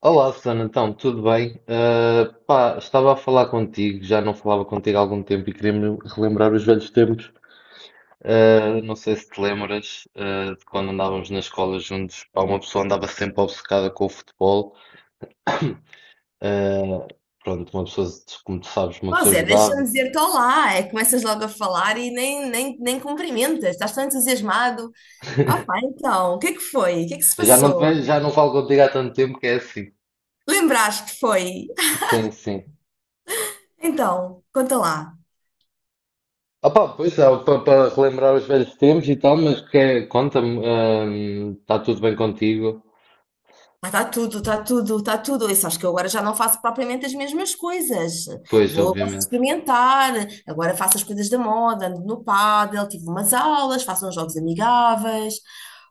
Olá, Susana, então, tudo bem? Ah, pá, estava a falar contigo, já não falava contigo há algum tempo e queria-me relembrar os velhos tempos. Ah, não sei se te lembras, ah, de quando andávamos na escola juntos, pá, uma pessoa andava sempre obcecada com o futebol. Ah, pronto, uma pessoa, como tu sabes, uma Pois pessoa é, jogava. deixa-me dizer-te olá, é, começas logo a falar e nem cumprimentas, estás tão entusiasmado. Ah, pá, então, o que é que foi? O que é que se Já não, te passou? vejo- já não falo contigo há tanto tempo que é assim. Lembraste que foi? Sim, sim. Então, conta lá. Opa, pois é, para relembrar os velhos tempos e tal, mas que, é, conta-me, ah, está tudo bem contigo? Ah, está tudo, está tudo, está tudo. E sabes que eu agora já não faço propriamente as mesmas coisas. Pois, Posso obviamente. experimentar, agora faço as coisas da moda, ando no pádel, tive umas aulas, faço uns jogos amigáveis.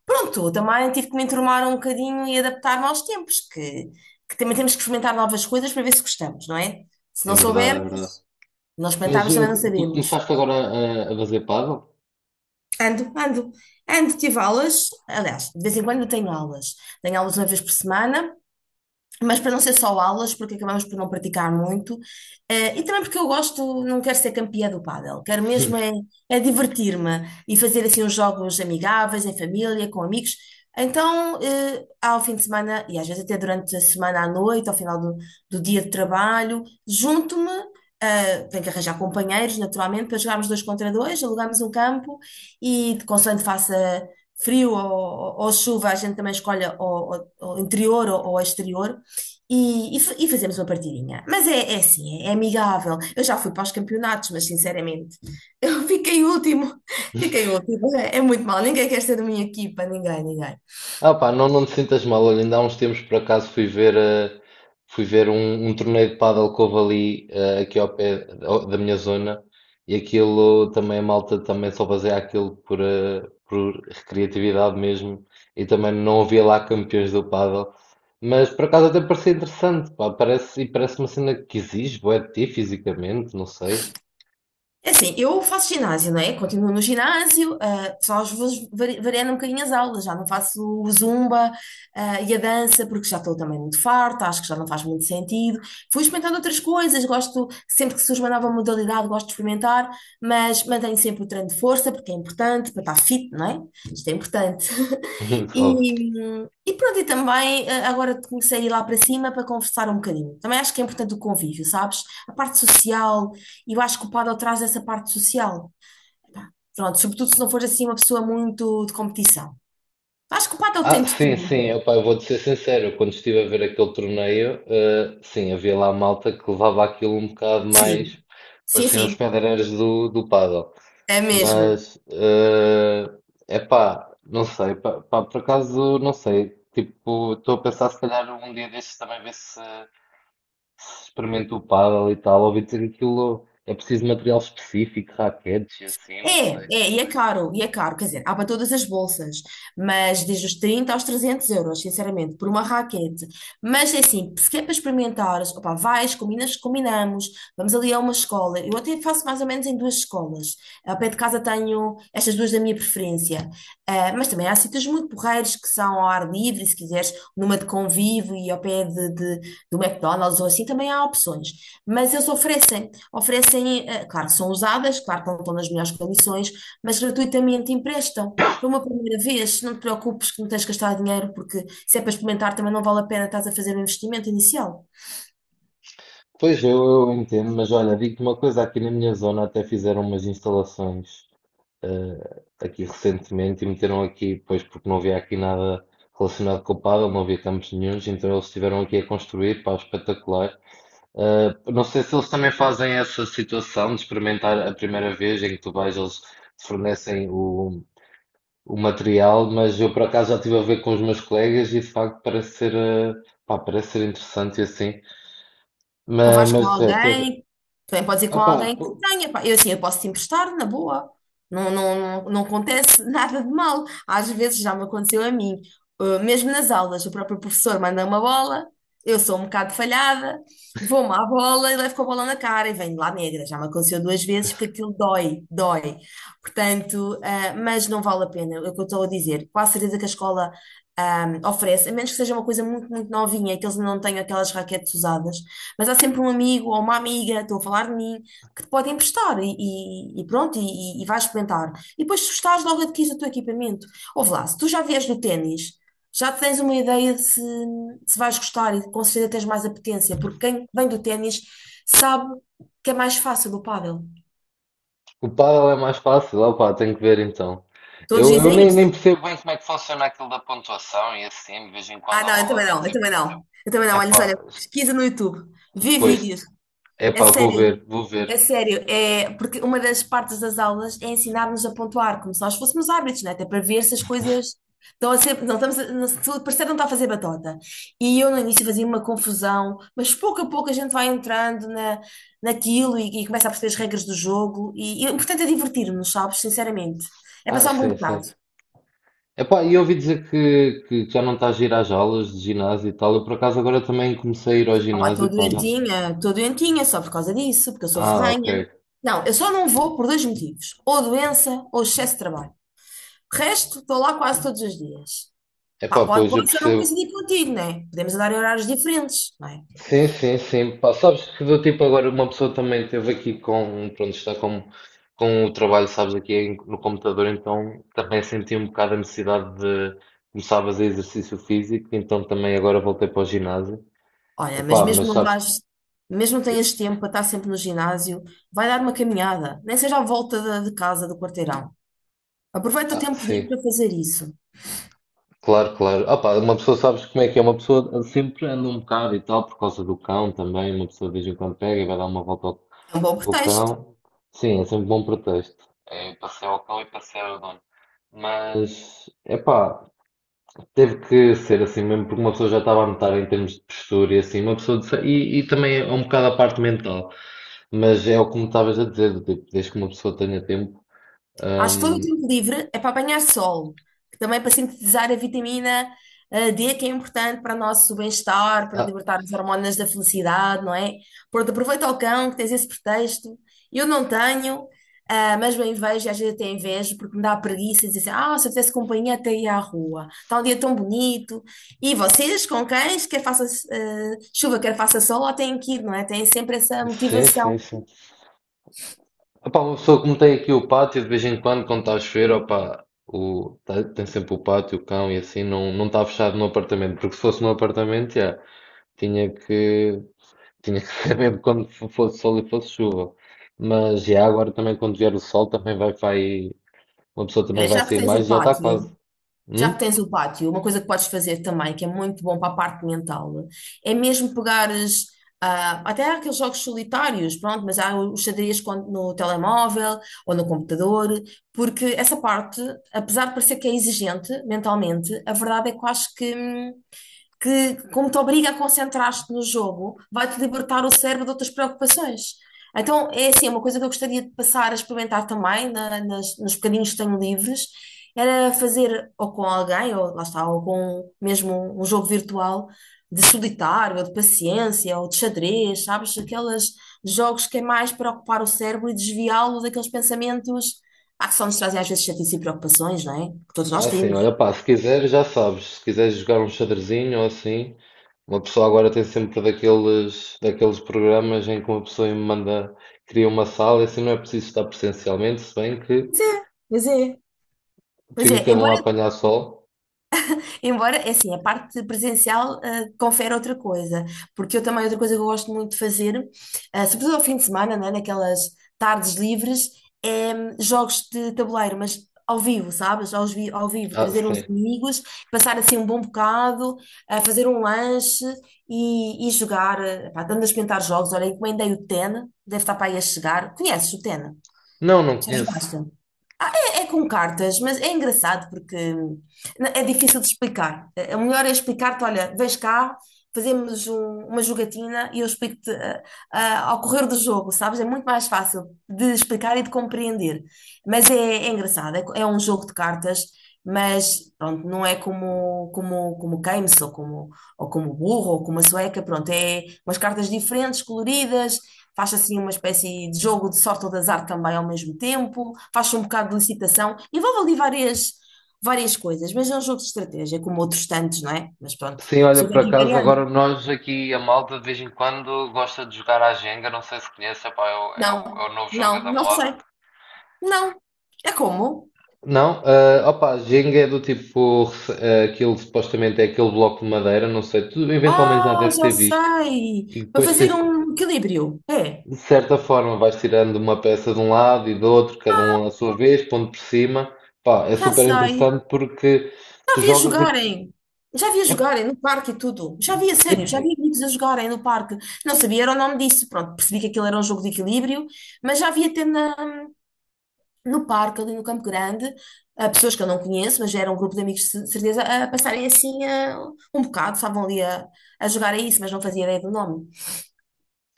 Pronto, também tive que me enturmar um bocadinho e adaptar-me aos tempos, que também temos que experimentar novas coisas para ver se gostamos, não é? Se É não verdade, é soubermos, verdade. não Mas experimentarmos eh, também não tu sabemos. começaste agora a fazer paddle? Ando, ando, ando, tive aulas, aliás, de vez em quando eu tenho aulas. Tenho aulas uma vez por semana, mas para não ser só aulas, porque acabamos por não praticar muito, e também porque eu gosto, não quero ser campeã do pádel, quero mesmo é, é divertir-me e fazer assim uns jogos amigáveis, em família, com amigos. Então, ao fim de semana, e às vezes até durante a semana à noite, ao final do dia de trabalho, junto-me, tenho que arranjar companheiros, naturalmente, para jogarmos dois contra dois, alugamos um campo e, consoante faça frio ou chuva, a gente também escolhe o interior ou exterior. E fazemos uma partidinha. Mas é assim, é amigável. Eu já fui para os campeonatos, mas sinceramente, eu fiquei último. Fiquei último. É, é muito mal. Ninguém quer ser da minha equipa, ninguém, ninguém. Ah pá, não, não te sintas mal. Olha, ainda há uns tempos por acaso fui ver um torneio de paddle que houve ali, eh, aqui ao pé da minha zona e aquilo também a malta também só fazia aquilo por recreatividade mesmo e também não havia lá campeões do paddle. Mas por acaso até parecia interessante, pá, parece, e parece uma cena que exige, bué de ti fisicamente, não sei. É assim, eu faço ginásio, não é? Continuo no ginásio, ah, só às vezes variando um bocadinho as aulas, já não faço o zumba, ah, e a dança, porque já estou também muito farta, acho que já não faz muito sentido. Fui experimentando outras coisas, gosto, sempre que surge uma nova modalidade, gosto de experimentar, mas mantenho sempre o treino de força, porque é importante, para estar fit, não é? Isto é importante. E, e pronto, e também agora comecei a ir lá para cima para conversar um bocadinho. Também acho que é importante o convívio, sabes? A parte social, e eu acho que o paddle traz essa parte social. Pá, pronto, sobretudo se não for assim uma pessoa muito de competição. Acho que o paddle Ah, tem de tudo. sim, sim, opá, eu vou-te ser sincero, eu quando estive a ver aquele torneio, eh, sim, havia lá malta que levava aquilo um bocado Sim, mais, sim, pareciam os sim, pedreiros do pádel, é mesmo. mas, é epá, não sei, pá, por acaso, não sei, tipo, estou a pensar se calhar um dia destes também ver se experimento o pádel e tal, ouvi dizer que aquilo é preciso material específico, raquetes e assim, não É, sei. é, e é caro, quer dizer, há para todas as bolsas, mas desde os 30 aos 300 euros, sinceramente, por uma raquete. Mas é assim, se quer para experimentares, opá, vais, combinas, combinamos, vamos ali a uma escola. Eu até faço mais ou menos em duas escolas. Ao pé de casa tenho estas duas da minha preferência. Ah, mas também há sítios muito porreiros que são ao ar livre, se quiseres, numa de convívio e ao pé de, do McDonald's ou assim, também há opções. Mas eles oferecem, oferecem, claro, são usadas, claro que não estão nas melhores condições, mas gratuitamente emprestam. Para uma primeira vez, não te preocupes que não tens que gastar dinheiro, porque se é para experimentar também não vale a pena, estás a fazer um investimento inicial. Pois eu entendo, mas olha, digo-te uma coisa, aqui na minha zona até fizeram umas instalações aqui recentemente e meteram aqui, pois porque não havia aqui nada relacionado com o pádel, não havia campos nenhuns, então eles estiveram aqui a construir, pá, espetacular. Ah, não sei se eles também fazem essa situação de experimentar a primeira vez em que tu vais, eles te fornecem o material, mas eu por acaso já estive a ver com os meus colegas e de facto parece ser, ah, pá, parece ser interessante e assim, Ou mas, vais com mas de resto. alguém, também podes ir com Opá, alguém que tenha, pá. Eu assim, eu posso te emprestar, na boa. Não, não, não, não acontece nada de mal. Às vezes já me aconteceu a mim. Mesmo nas aulas, o próprio professor manda uma bola, eu sou um bocado falhada, vou-me à bola e levo com a bola na cara e venho lá negra. Já me aconteceu duas vezes porque aquilo dói, dói. Portanto, ah, mas não vale a pena, é o que eu estou a dizer. Quase certeza que a escola, ah, oferece, a menos que seja uma coisa muito, muito novinha, que eles não tenham aquelas raquetes usadas. Mas há sempre um amigo ou uma amiga, estou a falar de mim, que te pode emprestar e pronto, e vais experimentar. E depois, se gostares, logo adquires o teu equipamento. Ouve lá, se tu já vies do ténis, já tens uma ideia de se, se vais gostar e com certeza tens mais apetência, porque quem vem do ténis sabe que é mais fácil do pádel. o pádel é mais fácil, opá, tenho que ver então. Todos Eu dizem nem isso. percebo bem como é que funciona aquilo da pontuação e assim, de vez em quando Ah, a não, eu bola também dá não, eu tipo, também não. Eu também não. Olha, epá, olha, pesquisa no YouTube, vê depois, vídeos. É epá, vou sério, ver, vou ver. é sério, é porque uma das partes das aulas é ensinar-nos a pontuar, como se nós fôssemos árbitros, né? Até para ver se as coisas estão a ser. Não, estamos a, não, se o parceiro não está a fazer batota. E eu no início fazia uma confusão, mas pouco a pouco a gente vai entrando naquilo e começa a perceber as regras do jogo. E o importante é divertir-nos, sabes? Sinceramente. É Ah, passar um bom sim, sim. bocado. Epá, e ouvi dizer que já não estás a ir às aulas de ginásio e tal, eu por acaso agora também comecei a ir ao Opa, ginásio, pá, já. Estou doentinha só por causa disso, porque eu sou Ah, ok. ferrenha. Não, eu só não vou por dois motivos: ou doença ou excesso de trabalho. De resto, estou lá quase todos os dias. Pá, Epá, pode, pois, eu pode ser não percebo. coincidir contigo, né? Podemos andar em horários diferentes, não é? Sim, sim, sim. Pá, sabes que do tipo agora uma pessoa também teve aqui com, pronto, está com o trabalho, sabes, aqui no computador, então também senti um bocado a necessidade de começar a fazer exercício físico, então também agora voltei para o ginásio. Olha, mas Epá, mas mesmo não sabes, vais, mesmo não que- tenhas tempo para estar sempre no ginásio, vai dar uma caminhada, nem seja à volta de casa, do quarteirão. Aproveita o ah, tempo livre sim, para fazer isso. claro, claro. Ah, pá, uma pessoa sabes como é que é, uma pessoa sempre anda um bocado e tal, por causa do cão também, uma pessoa de vez em quando pega e vai dar uma volta ao. É um bom Com o pretexto. cão, sim, é sempre bom pretexto. É passeio o cão e passeio o dono. Mas, epá, teve que ser assim mesmo, porque uma pessoa já estava a notar em termos de postura e assim, uma pessoa e também é um bocado a parte mental, mas é o que me estavas a dizer, do tipo, desde que uma pessoa tenha tempo. Acho que todo o Hum. tempo livre é para apanhar sol, que também é para sintetizar a vitamina D, que é importante para o nosso bem-estar, para Ah, libertar as hormonas da felicidade, não é? Pronto, aproveita o cão, que tens esse pretexto. Eu não tenho, ah, mas bem vejo, e às vezes até invejo, porque me dá preguiça e dizer assim, ah, se eu tivesse companhia até ia à rua. Está um dia tão bonito. E vocês, com cães, quer faça chuva, quer faça sol, lá têm que ir, não é? Têm sempre essa sim, sim, motivação. sim. Epá, uma pessoa como tem aqui o pátio, de vez em quando, quando está a chover, opá, tem sempre o pátio, o cão e assim, não, não está fechado no apartamento, porque se fosse no apartamento, já, tinha que, tinha que saber quando fosse sol e fosse chuva. Mas já agora também quando vier o sol também vai, uma pessoa também Olha, vai já que sair tens o mais, já está quase. pátio, já que Hum? tens o pátio, uma coisa que podes fazer também, que é muito bom para a parte mental, é mesmo pegares, ah, até há aqueles jogos solitários, pronto, mas há os xadrez no telemóvel ou no computador, porque essa parte, apesar de parecer que é exigente mentalmente, a verdade é que eu acho que, como te obriga a concentrar-te no jogo, vai-te libertar o cérebro de outras preocupações. Então, é assim, é uma coisa que eu gostaria de passar a experimentar também, nos bocadinhos que tenho livres, era fazer ou com alguém, ou lá está, ou com mesmo um jogo virtual de solitário, ou de paciência, ou de xadrez, sabes? Aqueles jogos que é mais para ocupar o cérebro e desviá-lo daqueles pensamentos. Ah, que só nos trazem às vezes chatice e preocupações, não é? Que todos nós Ah, sim, temos. olha pá, se quiseres já sabes, se quiseres jogar um xadrezinho ou assim, uma pessoa agora tem sempre daqueles, programas em que uma pessoa me manda, cria uma sala, e assim não é preciso estar presencialmente, se bem que Pois é, pois é. Pois fica é, cada um a embora apanhar sol. Embora, é assim, a parte presencial, ah, confere outra coisa, porque eu também, outra coisa que eu gosto muito de fazer, ah, sobretudo ao fim de semana, né, naquelas tardes livres, é jogos de tabuleiro, mas ao vivo, sabes? Ao vivo, Ah, trazer uns sim. amigos, passar assim um bom bocado, ah, fazer um lanche e jogar, ah, pá, dando a experimentar jogos. Olha, encomendei o Tena, deve estar para aí a chegar. Conheces o Tena? Não, não Já conheço. jogaste? Ah, é, é com cartas, mas é engraçado porque é difícil de explicar. O melhor é explicar-te, olha, vens cá, fazemos uma jogatina e eu explico-te ah, ah, ao correr do jogo, sabes? É muito mais fácil de explicar e de compreender. Mas é, é engraçado, é um jogo de cartas, mas pronto, não é como Keynes ou como burro ou como a sueca, pronto, é umas cartas diferentes, coloridas, faz assim uma espécie de jogo de sorte ou de azar também ao mesmo tempo, faz um bocado de licitação, envolve ali várias coisas, mas é um jogo de estratégia, como outros tantos, não é? Mas pronto, Sim, olha, você por tem que ir acaso variando. agora nós aqui, a malta de vez em quando gosta de jogar à Jenga, não sei se conhece, epá, é, o, é o- Não, é o novo jogo não, da não moda. sei. Não. É como? Não, ah, opa, Jenga é do tipo, ah, aquilo supostamente é aquele bloco de madeira, não sei, tu eventualmente já Ah, deve já ter visto. sei! E Para depois fazer tens, um equilíbrio. É, de certa forma, vais tirando uma peça de um lado e do outro, cada um à sua vez, pondo por cima. Pá, é já super sei. interessante porque Já tu vi a jogas. jogarem. Já vi a É, jogarem no parque e tudo. Já vi a sim, sério, já vi amigos a jogarem no parque. Não sabia era o nome disso. Pronto, percebi que aquilo era um jogo de equilíbrio, mas já vi até no parque, ali no Campo Grande, a pessoas que eu não conheço, mas já era um grupo de amigos de certeza, a passarem assim um bocado, estavam ali a jogar a isso, mas não fazia ideia do nome.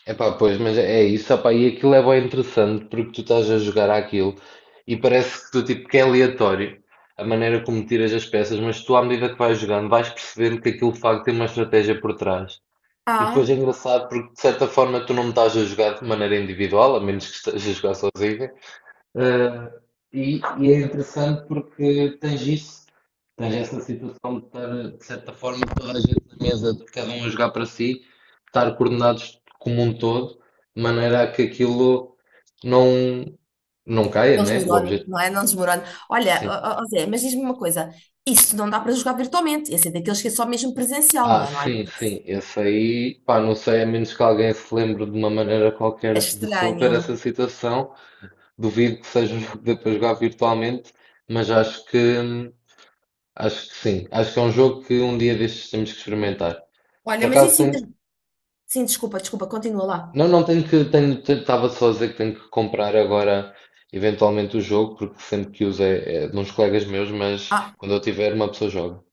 epá, pois, mas é isso, opá, e aquilo é bem interessante porque tu estás a jogar àquilo e parece que tu, tipo, que é aleatório a maneira como tiras as peças, mas tu, à medida que vais jogando, vais percebendo que aquilo de facto tem uma estratégia por trás. E depois é Ah, engraçado porque, de certa forma, tu não estás a jogar de maneira individual, a menos que estejas a jogar sozinho, eh, e é interessante porque tens isso, tens essa situação de estar, de certa forma, toda a gente na mesa, de cada um a jogar para si, estar coordenados como um todo, de maneira a que aquilo não, não caia, não né? O desmorono, objeto. não é? Não desmorono. Olha, Sim. ó, ó, ó Zé, mas diz-me uma coisa: isso não dá para jogar virtualmente. Esse é daqueles que é só mesmo presencial, não Ah, é? Não há sim, hipótese. sim. Esse aí, pá, não sei, a menos que alguém se lembre de uma maneira É qualquer de resolver essa estranho. situação, duvido que seja um jogo que dê para jogar virtualmente, mas acho que sim. Acho que é um jogo que um dia destes temos que experimentar. Por Olha, mas em acaso Sintra... tenho. Sim, desculpa, desculpa, continua lá. Não, não tenho que. Tenho, estava só a dizer que tenho que comprar agora, eventualmente, o jogo, porque sempre que uso é de uns colegas meus, mas Ah, quando eu tiver, uma pessoa joga.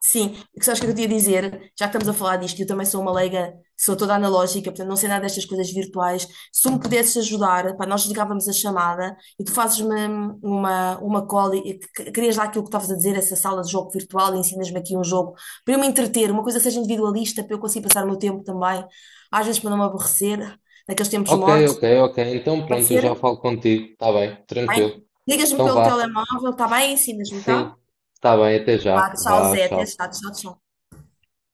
sim, porque sabes o que sabes que eu queria dizer, já que estamos a falar disto, eu também sou uma leiga, sou toda analógica, portanto não sei nada destas coisas virtuais. Se tu me pudesses ajudar, pá, nós ligávamos a chamada e tu fazes-me uma call e querias lá aquilo que estavas a dizer, essa sala de jogo virtual e ensinas-me aqui um jogo para eu me entreter, uma coisa que seja individualista, para eu conseguir passar o meu tempo também, às vezes para não me aborrecer, naqueles tempos Ok, mortos. ok, ok. Então Pode pronto, eu já ser? falo contigo. Está bem, Tá bem? tranquilo. Ligas-me Então pelo vá. telemóvel, está bem? Ensinas-me, tá? Sim, está bem, até já. Tá, tchau, Vá, Zé. Até tchau. já. Tchau, tchau.